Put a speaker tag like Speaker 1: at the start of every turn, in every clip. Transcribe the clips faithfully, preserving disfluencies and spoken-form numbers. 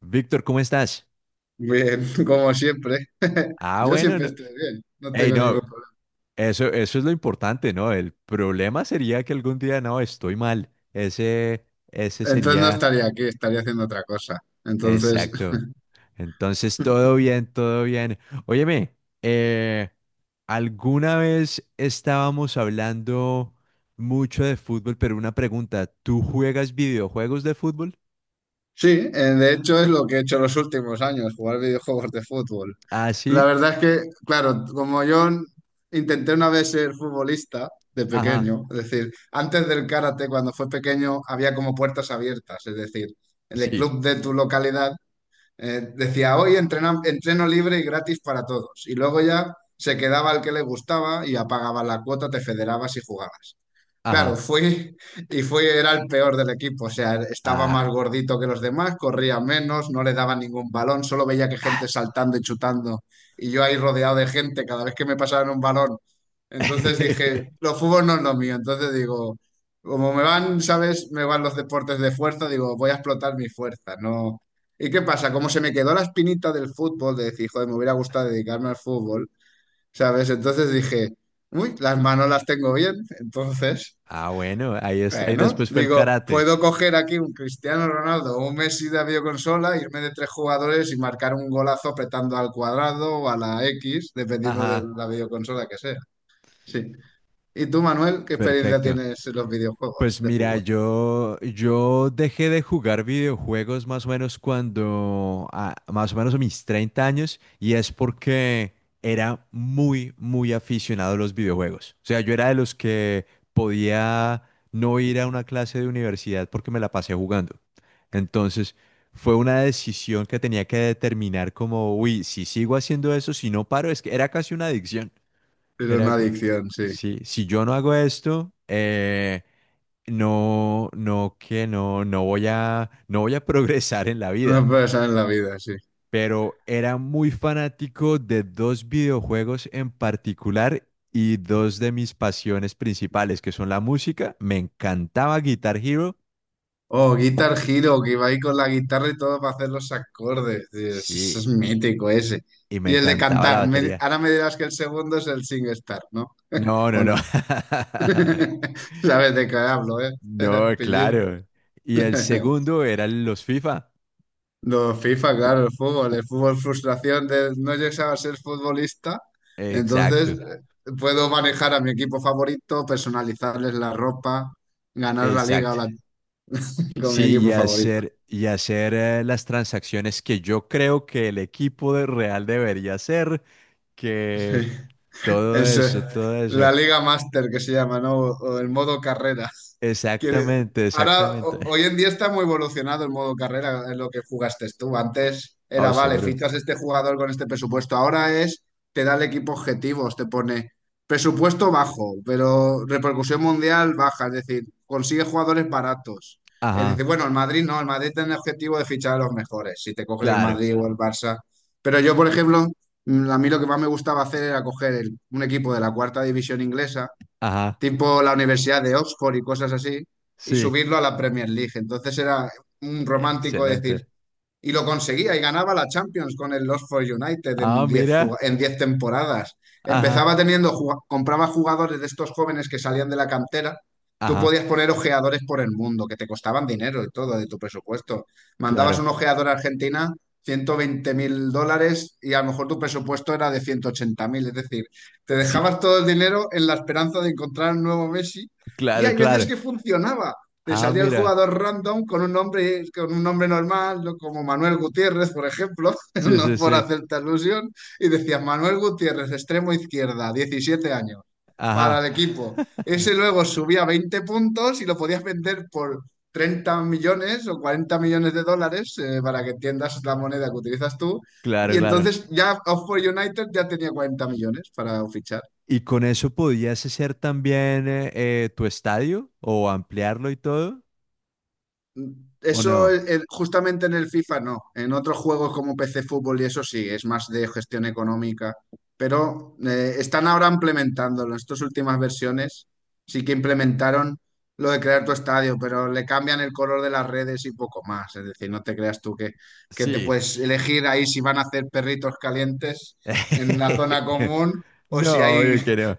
Speaker 1: Víctor, ¿cómo estás?
Speaker 2: Bien, como siempre.
Speaker 1: Ah,
Speaker 2: Yo
Speaker 1: bueno,
Speaker 2: siempre
Speaker 1: no.
Speaker 2: estoy bien, no
Speaker 1: Hey,
Speaker 2: tengo ningún
Speaker 1: no,
Speaker 2: problema.
Speaker 1: eso, eso es lo importante, ¿no? El problema sería que algún día, no, estoy mal. Ese, ese
Speaker 2: Entonces no
Speaker 1: sería,
Speaker 2: estaría aquí, estaría haciendo otra cosa. Entonces,
Speaker 1: exacto. Entonces, todo bien, todo bien. Óyeme, eh, alguna vez estábamos hablando mucho de fútbol, pero una pregunta, ¿tú juegas videojuegos de fútbol?
Speaker 2: sí, eh, de hecho es lo que he hecho los últimos años, jugar videojuegos de fútbol.
Speaker 1: Ah,
Speaker 2: La
Speaker 1: sí.
Speaker 2: verdad es que, claro, como yo intenté una vez ser futbolista de
Speaker 1: Ajá.
Speaker 2: pequeño, es decir, antes del karate, cuando fue pequeño, había como puertas abiertas, es decir, en el
Speaker 1: Sí.
Speaker 2: club de tu localidad. Eh, decía, hoy entrena- entreno libre y gratis para todos. Y luego ya se quedaba el que le gustaba y apagaba la cuota, te federabas y jugabas. Claro,
Speaker 1: Ajá.
Speaker 2: fui y fui, era el peor del equipo, o sea, estaba
Speaker 1: Ah.
Speaker 2: más gordito que los demás, corría menos, no le daba ningún balón, solo veía que gente saltando y chutando y yo ahí rodeado de gente cada vez que me pasaban un balón. Entonces dije, los fútbol no es lo mío, entonces digo, como me van, ¿sabes? Me van los deportes de fuerza, digo, voy a explotar mi fuerza, ¿no? ¿Y qué pasa? Como se me quedó la espinita del fútbol, de decir, joder, me hubiera gustado dedicarme al fútbol, ¿sabes? Entonces dije, uy, las manos las tengo bien, entonces...
Speaker 1: Ah, bueno, ahí está. Y
Speaker 2: Bueno,
Speaker 1: después fue el
Speaker 2: digo,
Speaker 1: karate.
Speaker 2: puedo coger aquí un Cristiano Ronaldo o un Messi de videoconsola, irme de tres jugadores y marcar un golazo apretando al cuadrado o a la X, dependiendo de
Speaker 1: Ajá,
Speaker 2: la videoconsola que sea. Sí. ¿Y tú, Manuel, qué experiencia
Speaker 1: perfecto.
Speaker 2: tienes en los videojuegos
Speaker 1: Pues
Speaker 2: de
Speaker 1: mira,
Speaker 2: fútbol?
Speaker 1: yo, yo dejé de jugar videojuegos más o menos cuando, ah, más o menos a mis treinta años, y es porque era muy, muy aficionado a los videojuegos. O sea, yo era de los que podía no ir a una clase de universidad porque me la pasé jugando. Entonces, fue una decisión que tenía que determinar como, uy, si sigo haciendo eso, si no paro, es que era casi una adicción.
Speaker 2: Pero
Speaker 1: Era
Speaker 2: una
Speaker 1: co-
Speaker 2: adicción, sí.
Speaker 1: sí, si yo no hago esto, eh, no, no, que no, no voy a, no voy a progresar en la
Speaker 2: Una
Speaker 1: vida.
Speaker 2: persona en la vida, sí.
Speaker 1: Pero era muy fanático de dos videojuegos en particular y dos de mis pasiones principales, que son la música. Me encantaba Guitar Hero,
Speaker 2: Oh, Guitar Hero, que iba ahí con la guitarra y todo para hacer los acordes. Dios, ese
Speaker 1: sí,
Speaker 2: es mítico ese.
Speaker 1: y me
Speaker 2: Y el de
Speaker 1: encantaba la
Speaker 2: cantar. me-
Speaker 1: batería.
Speaker 2: ahora me dirás que el segundo es el SingStar, ¿no?
Speaker 1: No, no,
Speaker 2: ¿O no.
Speaker 1: no.
Speaker 2: Sabes de qué hablo, ¿eh?
Speaker 1: No,
Speaker 2: Pillín.
Speaker 1: claro. Y el segundo eran los FIFA.
Speaker 2: No, FIFA, claro, el fútbol, el fútbol frustración de no llegar a ser futbolista,
Speaker 1: Exacto,
Speaker 2: entonces eh, puedo manejar a mi equipo favorito, personalizarles la ropa, ganar la liga o
Speaker 1: exacto.
Speaker 2: la- con mi
Speaker 1: Sí, y
Speaker 2: equipo favorito.
Speaker 1: hacer, y hacer eh, las transacciones que yo creo que el equipo de Real debería hacer, que
Speaker 2: Sí.
Speaker 1: todo
Speaker 2: Es eh,
Speaker 1: eso, todo eso.
Speaker 2: la Liga Master que se llama, ¿no? O, o el modo carrera. Quiere-
Speaker 1: Exactamente,
Speaker 2: ahora,
Speaker 1: exactamente.
Speaker 2: ho- hoy en día está muy evolucionado el modo carrera, es lo que jugaste tú. Antes
Speaker 1: Oh,
Speaker 2: era, vale,
Speaker 1: seguro.
Speaker 2: fichas este jugador con este presupuesto. Ahora es, te da el equipo objetivos, te pone presupuesto bajo, pero repercusión mundial baja, es decir, consigue jugadores baratos. Es
Speaker 1: Ajá,
Speaker 2: decir, bueno, el Madrid no, el Madrid tiene el objetivo de fichar a los mejores, si te coges el
Speaker 1: claro.
Speaker 2: Madrid o el Barça. Pero yo, por ejemplo, Mm, A mí lo que más me gustaba hacer era coger el- un equipo de la cuarta división inglesa,
Speaker 1: Ajá,
Speaker 2: tipo la Universidad de Oxford y cosas así, y
Speaker 1: sí.
Speaker 2: subirlo a la Premier League. Entonces era un romántico decir,
Speaker 1: Excelente.
Speaker 2: y lo conseguía y ganaba la Champions con el Los for United en
Speaker 1: Ah,
Speaker 2: diez ju-
Speaker 1: mira.
Speaker 2: en diez temporadas.
Speaker 1: Ajá,
Speaker 2: Empezaba teniendo, jug- compraba jugadores de estos jóvenes que salían de la cantera. Tú
Speaker 1: ajá,
Speaker 2: podías poner ojeadores por el mundo, que te costaban dinero y todo de tu presupuesto. Mandabas
Speaker 1: claro.
Speaker 2: un ojeador a Argentina, ciento veinte mil dólares, y a lo mejor tu presupuesto era de ciento ochenta mil. Es decir, te
Speaker 1: Sí,
Speaker 2: dejabas todo el dinero en la esperanza de encontrar un nuevo Messi. Y
Speaker 1: claro,
Speaker 2: hay veces
Speaker 1: claro.
Speaker 2: que funcionaba. Te
Speaker 1: Ah,
Speaker 2: salía el
Speaker 1: mira.
Speaker 2: jugador random con un nombre, con un nombre normal, ¿no? Como Manuel Gutiérrez, por ejemplo,
Speaker 1: Sí, sí,
Speaker 2: no por
Speaker 1: sí.
Speaker 2: hacerte alusión, y decía Manuel Gutiérrez, extremo izquierda, diecisiete años, para
Speaker 1: Ajá.
Speaker 2: el equipo. Ese luego subía veinte puntos y lo podías vender por treinta millones o cuarenta millones de dólares, eh, para que entiendas la moneda que utilizas tú.
Speaker 1: Claro,
Speaker 2: Y
Speaker 1: claro.
Speaker 2: entonces ya Oxford United ya tenía cuarenta millones para fichar.
Speaker 1: ¿Y con eso podías hacer también eh, eh, tu estadio o ampliarlo y todo? ¿O no?
Speaker 2: Eso eh, justamente en el FIFA no. En otros juegos como P C Fútbol y eso sí, es más de gestión económica. Pero eh, están ahora implementándolo. En estas últimas versiones sí que implementaron lo de crear tu estadio, pero le cambian el color de las redes y poco más. Es decir, no te creas tú que, que te
Speaker 1: Sí.
Speaker 2: puedes elegir ahí si van a hacer perritos calientes en la zona común o si
Speaker 1: No,
Speaker 2: hay
Speaker 1: yo que no.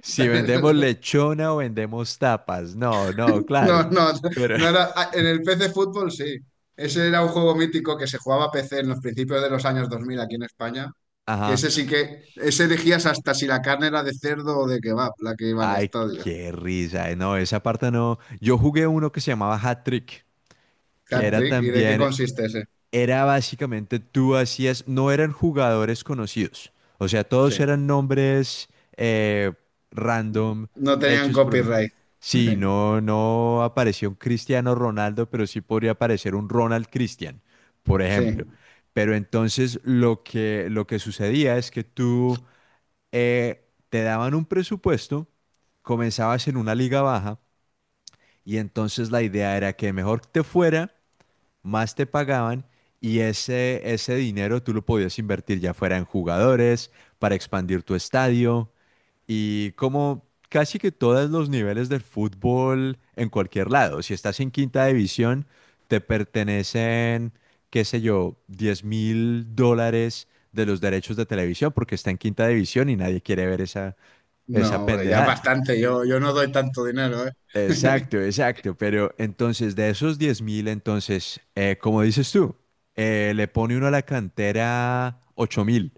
Speaker 1: Si vendemos lechona o vendemos tapas. No, no,
Speaker 2: No,
Speaker 1: claro.
Speaker 2: no,
Speaker 1: Pero,
Speaker 2: no era. ah, En el P C Fútbol sí. Ese era un juego mítico que se jugaba a P C en los principios de los años dos mil aquí en España. Que
Speaker 1: ajá.
Speaker 2: ese sí que. Ese elegías hasta si la carne era de cerdo o de kebab, la que iba al
Speaker 1: Ay,
Speaker 2: estadio.
Speaker 1: qué risa. eh, No, esa parte no. Yo jugué uno que se llamaba Hat Trick, que era
Speaker 2: Hat-trick. ¿Y de qué
Speaker 1: también
Speaker 2: consiste ese?
Speaker 1: era básicamente tú hacías, no eran jugadores conocidos, o sea,
Speaker 2: Sí.
Speaker 1: todos eran nombres eh, random
Speaker 2: No tenían
Speaker 1: hechos por una...
Speaker 2: copyright.
Speaker 1: Sí, no, no apareció un Cristiano Ronaldo, pero sí podría aparecer un Ronald Cristian, por ejemplo.
Speaker 2: Sí.
Speaker 1: Pero entonces lo que, lo que sucedía es que tú eh, te daban un presupuesto, comenzabas en una liga baja y entonces la idea era que mejor te fuera, más te pagaban, y ese, ese dinero tú lo podías invertir ya fuera en jugadores, para expandir tu estadio, y como casi que todos los niveles del fútbol en cualquier lado. Si estás en quinta división, te pertenecen, qué sé yo, diez mil dólares de los derechos de televisión porque está en quinta división y nadie quiere ver esa,
Speaker 2: No,
Speaker 1: esa
Speaker 2: hombre, ya es
Speaker 1: pendejada.
Speaker 2: bastante. Yo, yo no doy tanto dinero, ¿eh?
Speaker 1: Exacto, exacto. Pero entonces, de esos diez mil, entonces, eh, como dices tú, eh, le pone uno a la cantera ocho mil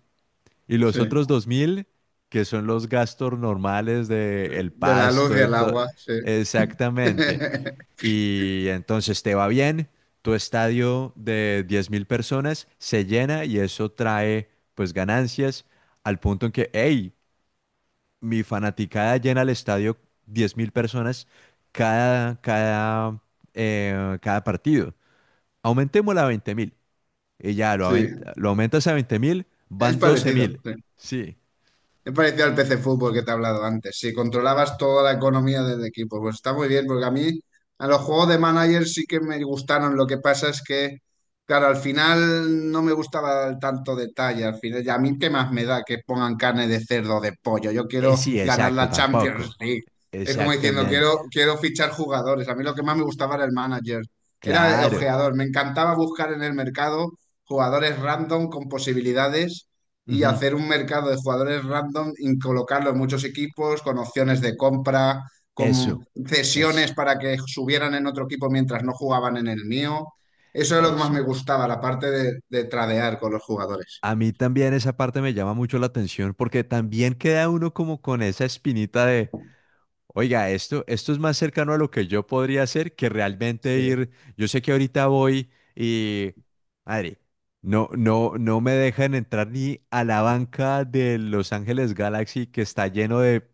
Speaker 1: y los
Speaker 2: Sí.
Speaker 1: otros dos mil, que son los gastos normales de el
Speaker 2: De la luz y
Speaker 1: pasto y
Speaker 2: el
Speaker 1: todo.
Speaker 2: agua, sí.
Speaker 1: Exactamente. Y entonces te va bien, tu estadio de diez mil personas se llena y eso trae pues ganancias al punto en que, hey, mi fanaticada llena el estadio diez mil personas cada, cada, eh, cada partido. Aumentémosla a veinte mil. Y ya lo, aument-
Speaker 2: Sí.
Speaker 1: lo aumentas a veinte mil,
Speaker 2: Es
Speaker 1: van doce
Speaker 2: parecido.
Speaker 1: mil
Speaker 2: sí.
Speaker 1: Sí.
Speaker 2: Me pareció al P C Fútbol que te he hablado antes. Si controlabas toda la economía del equipo, pues está muy bien, porque a mí a los juegos de manager sí que me gustaron. Lo que pasa es que, claro, al final no me gustaba el tanto detalle. Al final, ya a mí qué más me da que pongan carne de cerdo o de pollo. Yo
Speaker 1: Eh,
Speaker 2: quiero
Speaker 1: sí,
Speaker 2: ganar
Speaker 1: exacto,
Speaker 2: la
Speaker 1: tampoco.
Speaker 2: Champions League. Es como diciendo,
Speaker 1: Exactamente.
Speaker 2: quiero, quiero fichar jugadores. A mí lo que más me gustaba era el manager. Era el
Speaker 1: Claro.
Speaker 2: ojeador. Me encantaba buscar en el mercado jugadores random con posibilidades y
Speaker 1: Ujú.
Speaker 2: hacer un mercado de jugadores random y colocarlo en muchos equipos con opciones de compra,
Speaker 1: Eso,
Speaker 2: con
Speaker 1: eso,
Speaker 2: cesiones para que subieran en otro equipo mientras no jugaban en el mío. Eso es lo que más
Speaker 1: eso.
Speaker 2: me gustaba, la parte de, de tradear con los jugadores.
Speaker 1: A mí también esa parte me llama mucho la atención porque también queda uno como con esa espinita de, oiga, esto, esto es más cercano a lo que yo podría hacer que realmente
Speaker 2: Sí.
Speaker 1: ir. Yo sé que ahorita voy y, madre, no, no, no me dejan entrar ni a la banca de Los Ángeles Galaxy, que está lleno de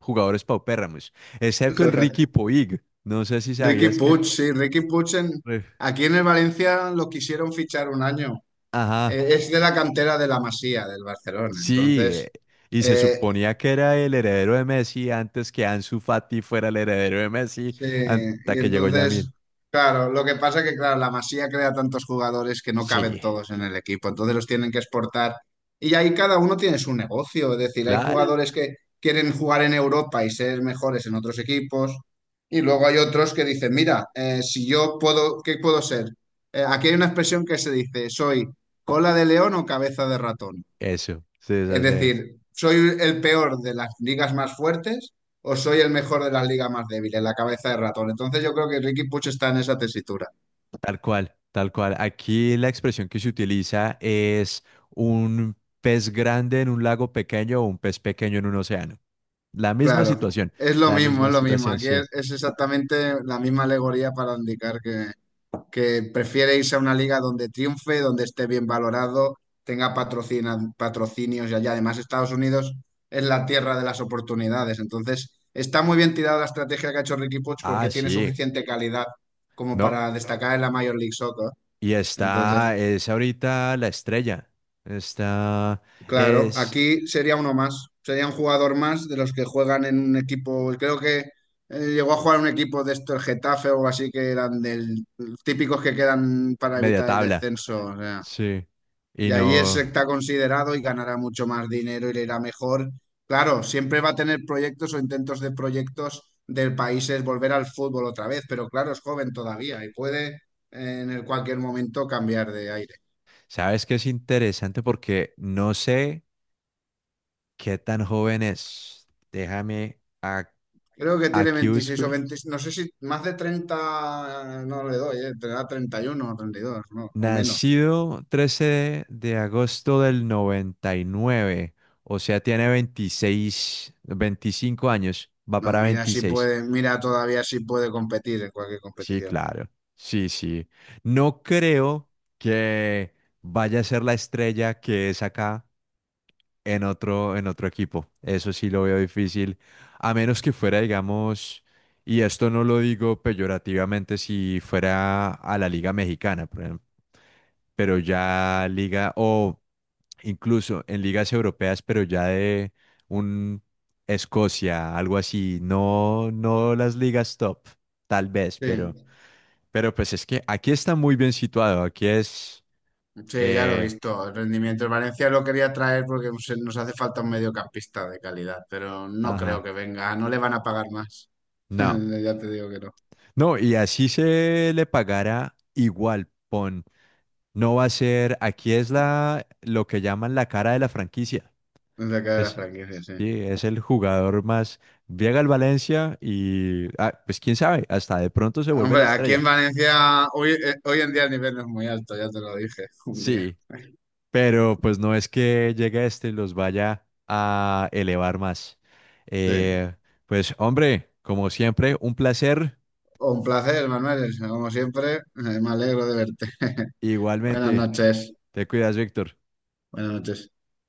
Speaker 1: jugadores paupérrimos, excepto el Ricky Puig. No sé si
Speaker 2: Ricky
Speaker 1: sabías. Que.
Speaker 2: Puig, sí, Ricky Puig en-
Speaker 1: Re-
Speaker 2: aquí en el Valencia lo quisieron fichar un año.
Speaker 1: Ajá,
Speaker 2: Eh, es de la cantera de la Masía, del Barcelona.
Speaker 1: sí.
Speaker 2: Entonces,
Speaker 1: eh, Y se
Speaker 2: eh,
Speaker 1: suponía que era el heredero de Messi antes que Ansu Fati fuera el heredero de Messi,
Speaker 2: sí,
Speaker 1: hasta
Speaker 2: y
Speaker 1: que llegó Yamil.
Speaker 2: entonces, claro, lo que pasa es que, claro, la Masía crea tantos jugadores que no caben
Speaker 1: Sí,
Speaker 2: todos en el equipo, entonces los tienen que exportar. Y ahí cada uno tiene su negocio, es decir, hay
Speaker 1: claro.
Speaker 2: jugadores que quieren jugar en Europa y ser mejores en otros equipos, y luego hay otros que dicen, mira, eh, si yo puedo, ¿qué puedo ser? Eh, aquí hay una expresión que se dice, soy cola de león o cabeza de ratón.
Speaker 1: Eso, sí,
Speaker 2: Es
Speaker 1: eso sí.
Speaker 2: decir, ¿soy el peor de las ligas más fuertes o soy el mejor de las ligas más débiles? La cabeza de ratón. Entonces yo creo que Ricky Puch está en esa tesitura.
Speaker 1: Tal cual, tal cual. Aquí la expresión que se utiliza es un pez grande en un lago pequeño o un pez pequeño en un océano. La misma
Speaker 2: Claro,
Speaker 1: situación,
Speaker 2: es lo
Speaker 1: la
Speaker 2: mismo,
Speaker 1: misma
Speaker 2: es lo mismo.
Speaker 1: situación,
Speaker 2: Aquí
Speaker 1: sí.
Speaker 2: es, es exactamente la misma alegoría para indicar que, que prefiere irse a una liga donde triunfe, donde esté bien valorado, tenga patrocina- patrocinios y allá. Además, Estados Unidos es la tierra de las oportunidades. Entonces, está muy bien tirada la estrategia que ha hecho Ricky Puig
Speaker 1: Ah,
Speaker 2: porque tiene
Speaker 1: sí.
Speaker 2: suficiente calidad como
Speaker 1: No.
Speaker 2: para destacar en la Major League Soccer.
Speaker 1: Y
Speaker 2: Entonces,
Speaker 1: está, es ahorita la estrella. Está,
Speaker 2: claro,
Speaker 1: es
Speaker 2: aquí sería uno más, sería un jugador más de los que juegan en un equipo, creo que eh, llegó a jugar en un equipo de esto, el Getafe o así, que eran del típicos que quedan para
Speaker 1: media
Speaker 2: evitar el
Speaker 1: tabla.
Speaker 2: descenso. O sea.
Speaker 1: Sí. Y
Speaker 2: Y ahí es-
Speaker 1: no,
Speaker 2: está considerado y ganará mucho más dinero y le irá mejor. Claro, siempre va a tener proyectos o intentos de proyectos del país es volver al fútbol otra vez, pero claro, es joven todavía y puede eh, en el cualquier momento cambiar de aire.
Speaker 1: ¿sabes qué es interesante? Porque no sé qué tan joven es. Déjame, a-
Speaker 2: Creo que tiene
Speaker 1: aquí
Speaker 2: veintiséis o
Speaker 1: busco.
Speaker 2: veinte, no sé, si más de treinta no le doy, eh, tendrá treinta y uno o treinta y dos, ¿no? O menos.
Speaker 1: Nacido trece de agosto del noventa y nueve, o sea, tiene veintiséis, veinticinco años, va
Speaker 2: No,
Speaker 1: para
Speaker 2: mira si
Speaker 1: veintiséis.
Speaker 2: puede, mira todavía si puede competir en cualquier
Speaker 1: Sí,
Speaker 2: competición.
Speaker 1: claro, sí, sí. No creo que vaya a ser la estrella que es acá en otro, en otro equipo. Eso sí lo veo difícil, a menos que fuera, digamos, y esto no lo digo peyorativamente, si fuera a la Liga Mexicana, por ejemplo, pero ya Liga o... incluso en ligas europeas, pero ya de un Escocia, algo así, no, no las ligas top, tal vez,
Speaker 2: Sí.
Speaker 1: pero, pero pues es que aquí está muy bien situado, aquí es,
Speaker 2: Sí, ya lo he
Speaker 1: eh,
Speaker 2: visto. El rendimiento. El Valencia lo quería traer porque se- nos hace falta un mediocampista de calidad, pero no creo
Speaker 1: ajá,
Speaker 2: que venga. Ah, no le van a pagar más.
Speaker 1: no,
Speaker 2: Ya te digo que no.
Speaker 1: no, y así se le pagará igual, pon, no va a ser, aquí es la, lo que llaman la cara de la franquicia,
Speaker 2: Es la cara de
Speaker 1: es,
Speaker 2: la
Speaker 1: sí,
Speaker 2: franquicia, sí.
Speaker 1: es el jugador más, llega al Valencia y, ah, pues quién sabe, hasta de pronto se vuelve
Speaker 2: Hombre,
Speaker 1: la
Speaker 2: aquí en
Speaker 1: estrella.
Speaker 2: Valencia hoy, eh, hoy en día el nivel no es muy alto, ya te lo dije un día.
Speaker 1: Sí, pero pues no es que llegue este y los vaya a elevar más.
Speaker 2: Sí.
Speaker 1: Eh, pues hombre, como siempre, un placer.
Speaker 2: Un placer, Manuel. Como siempre, eh, me alegro de verte. Buenas
Speaker 1: Igualmente,
Speaker 2: noches.
Speaker 1: te cuidas, Víctor.
Speaker 2: Buenas noches.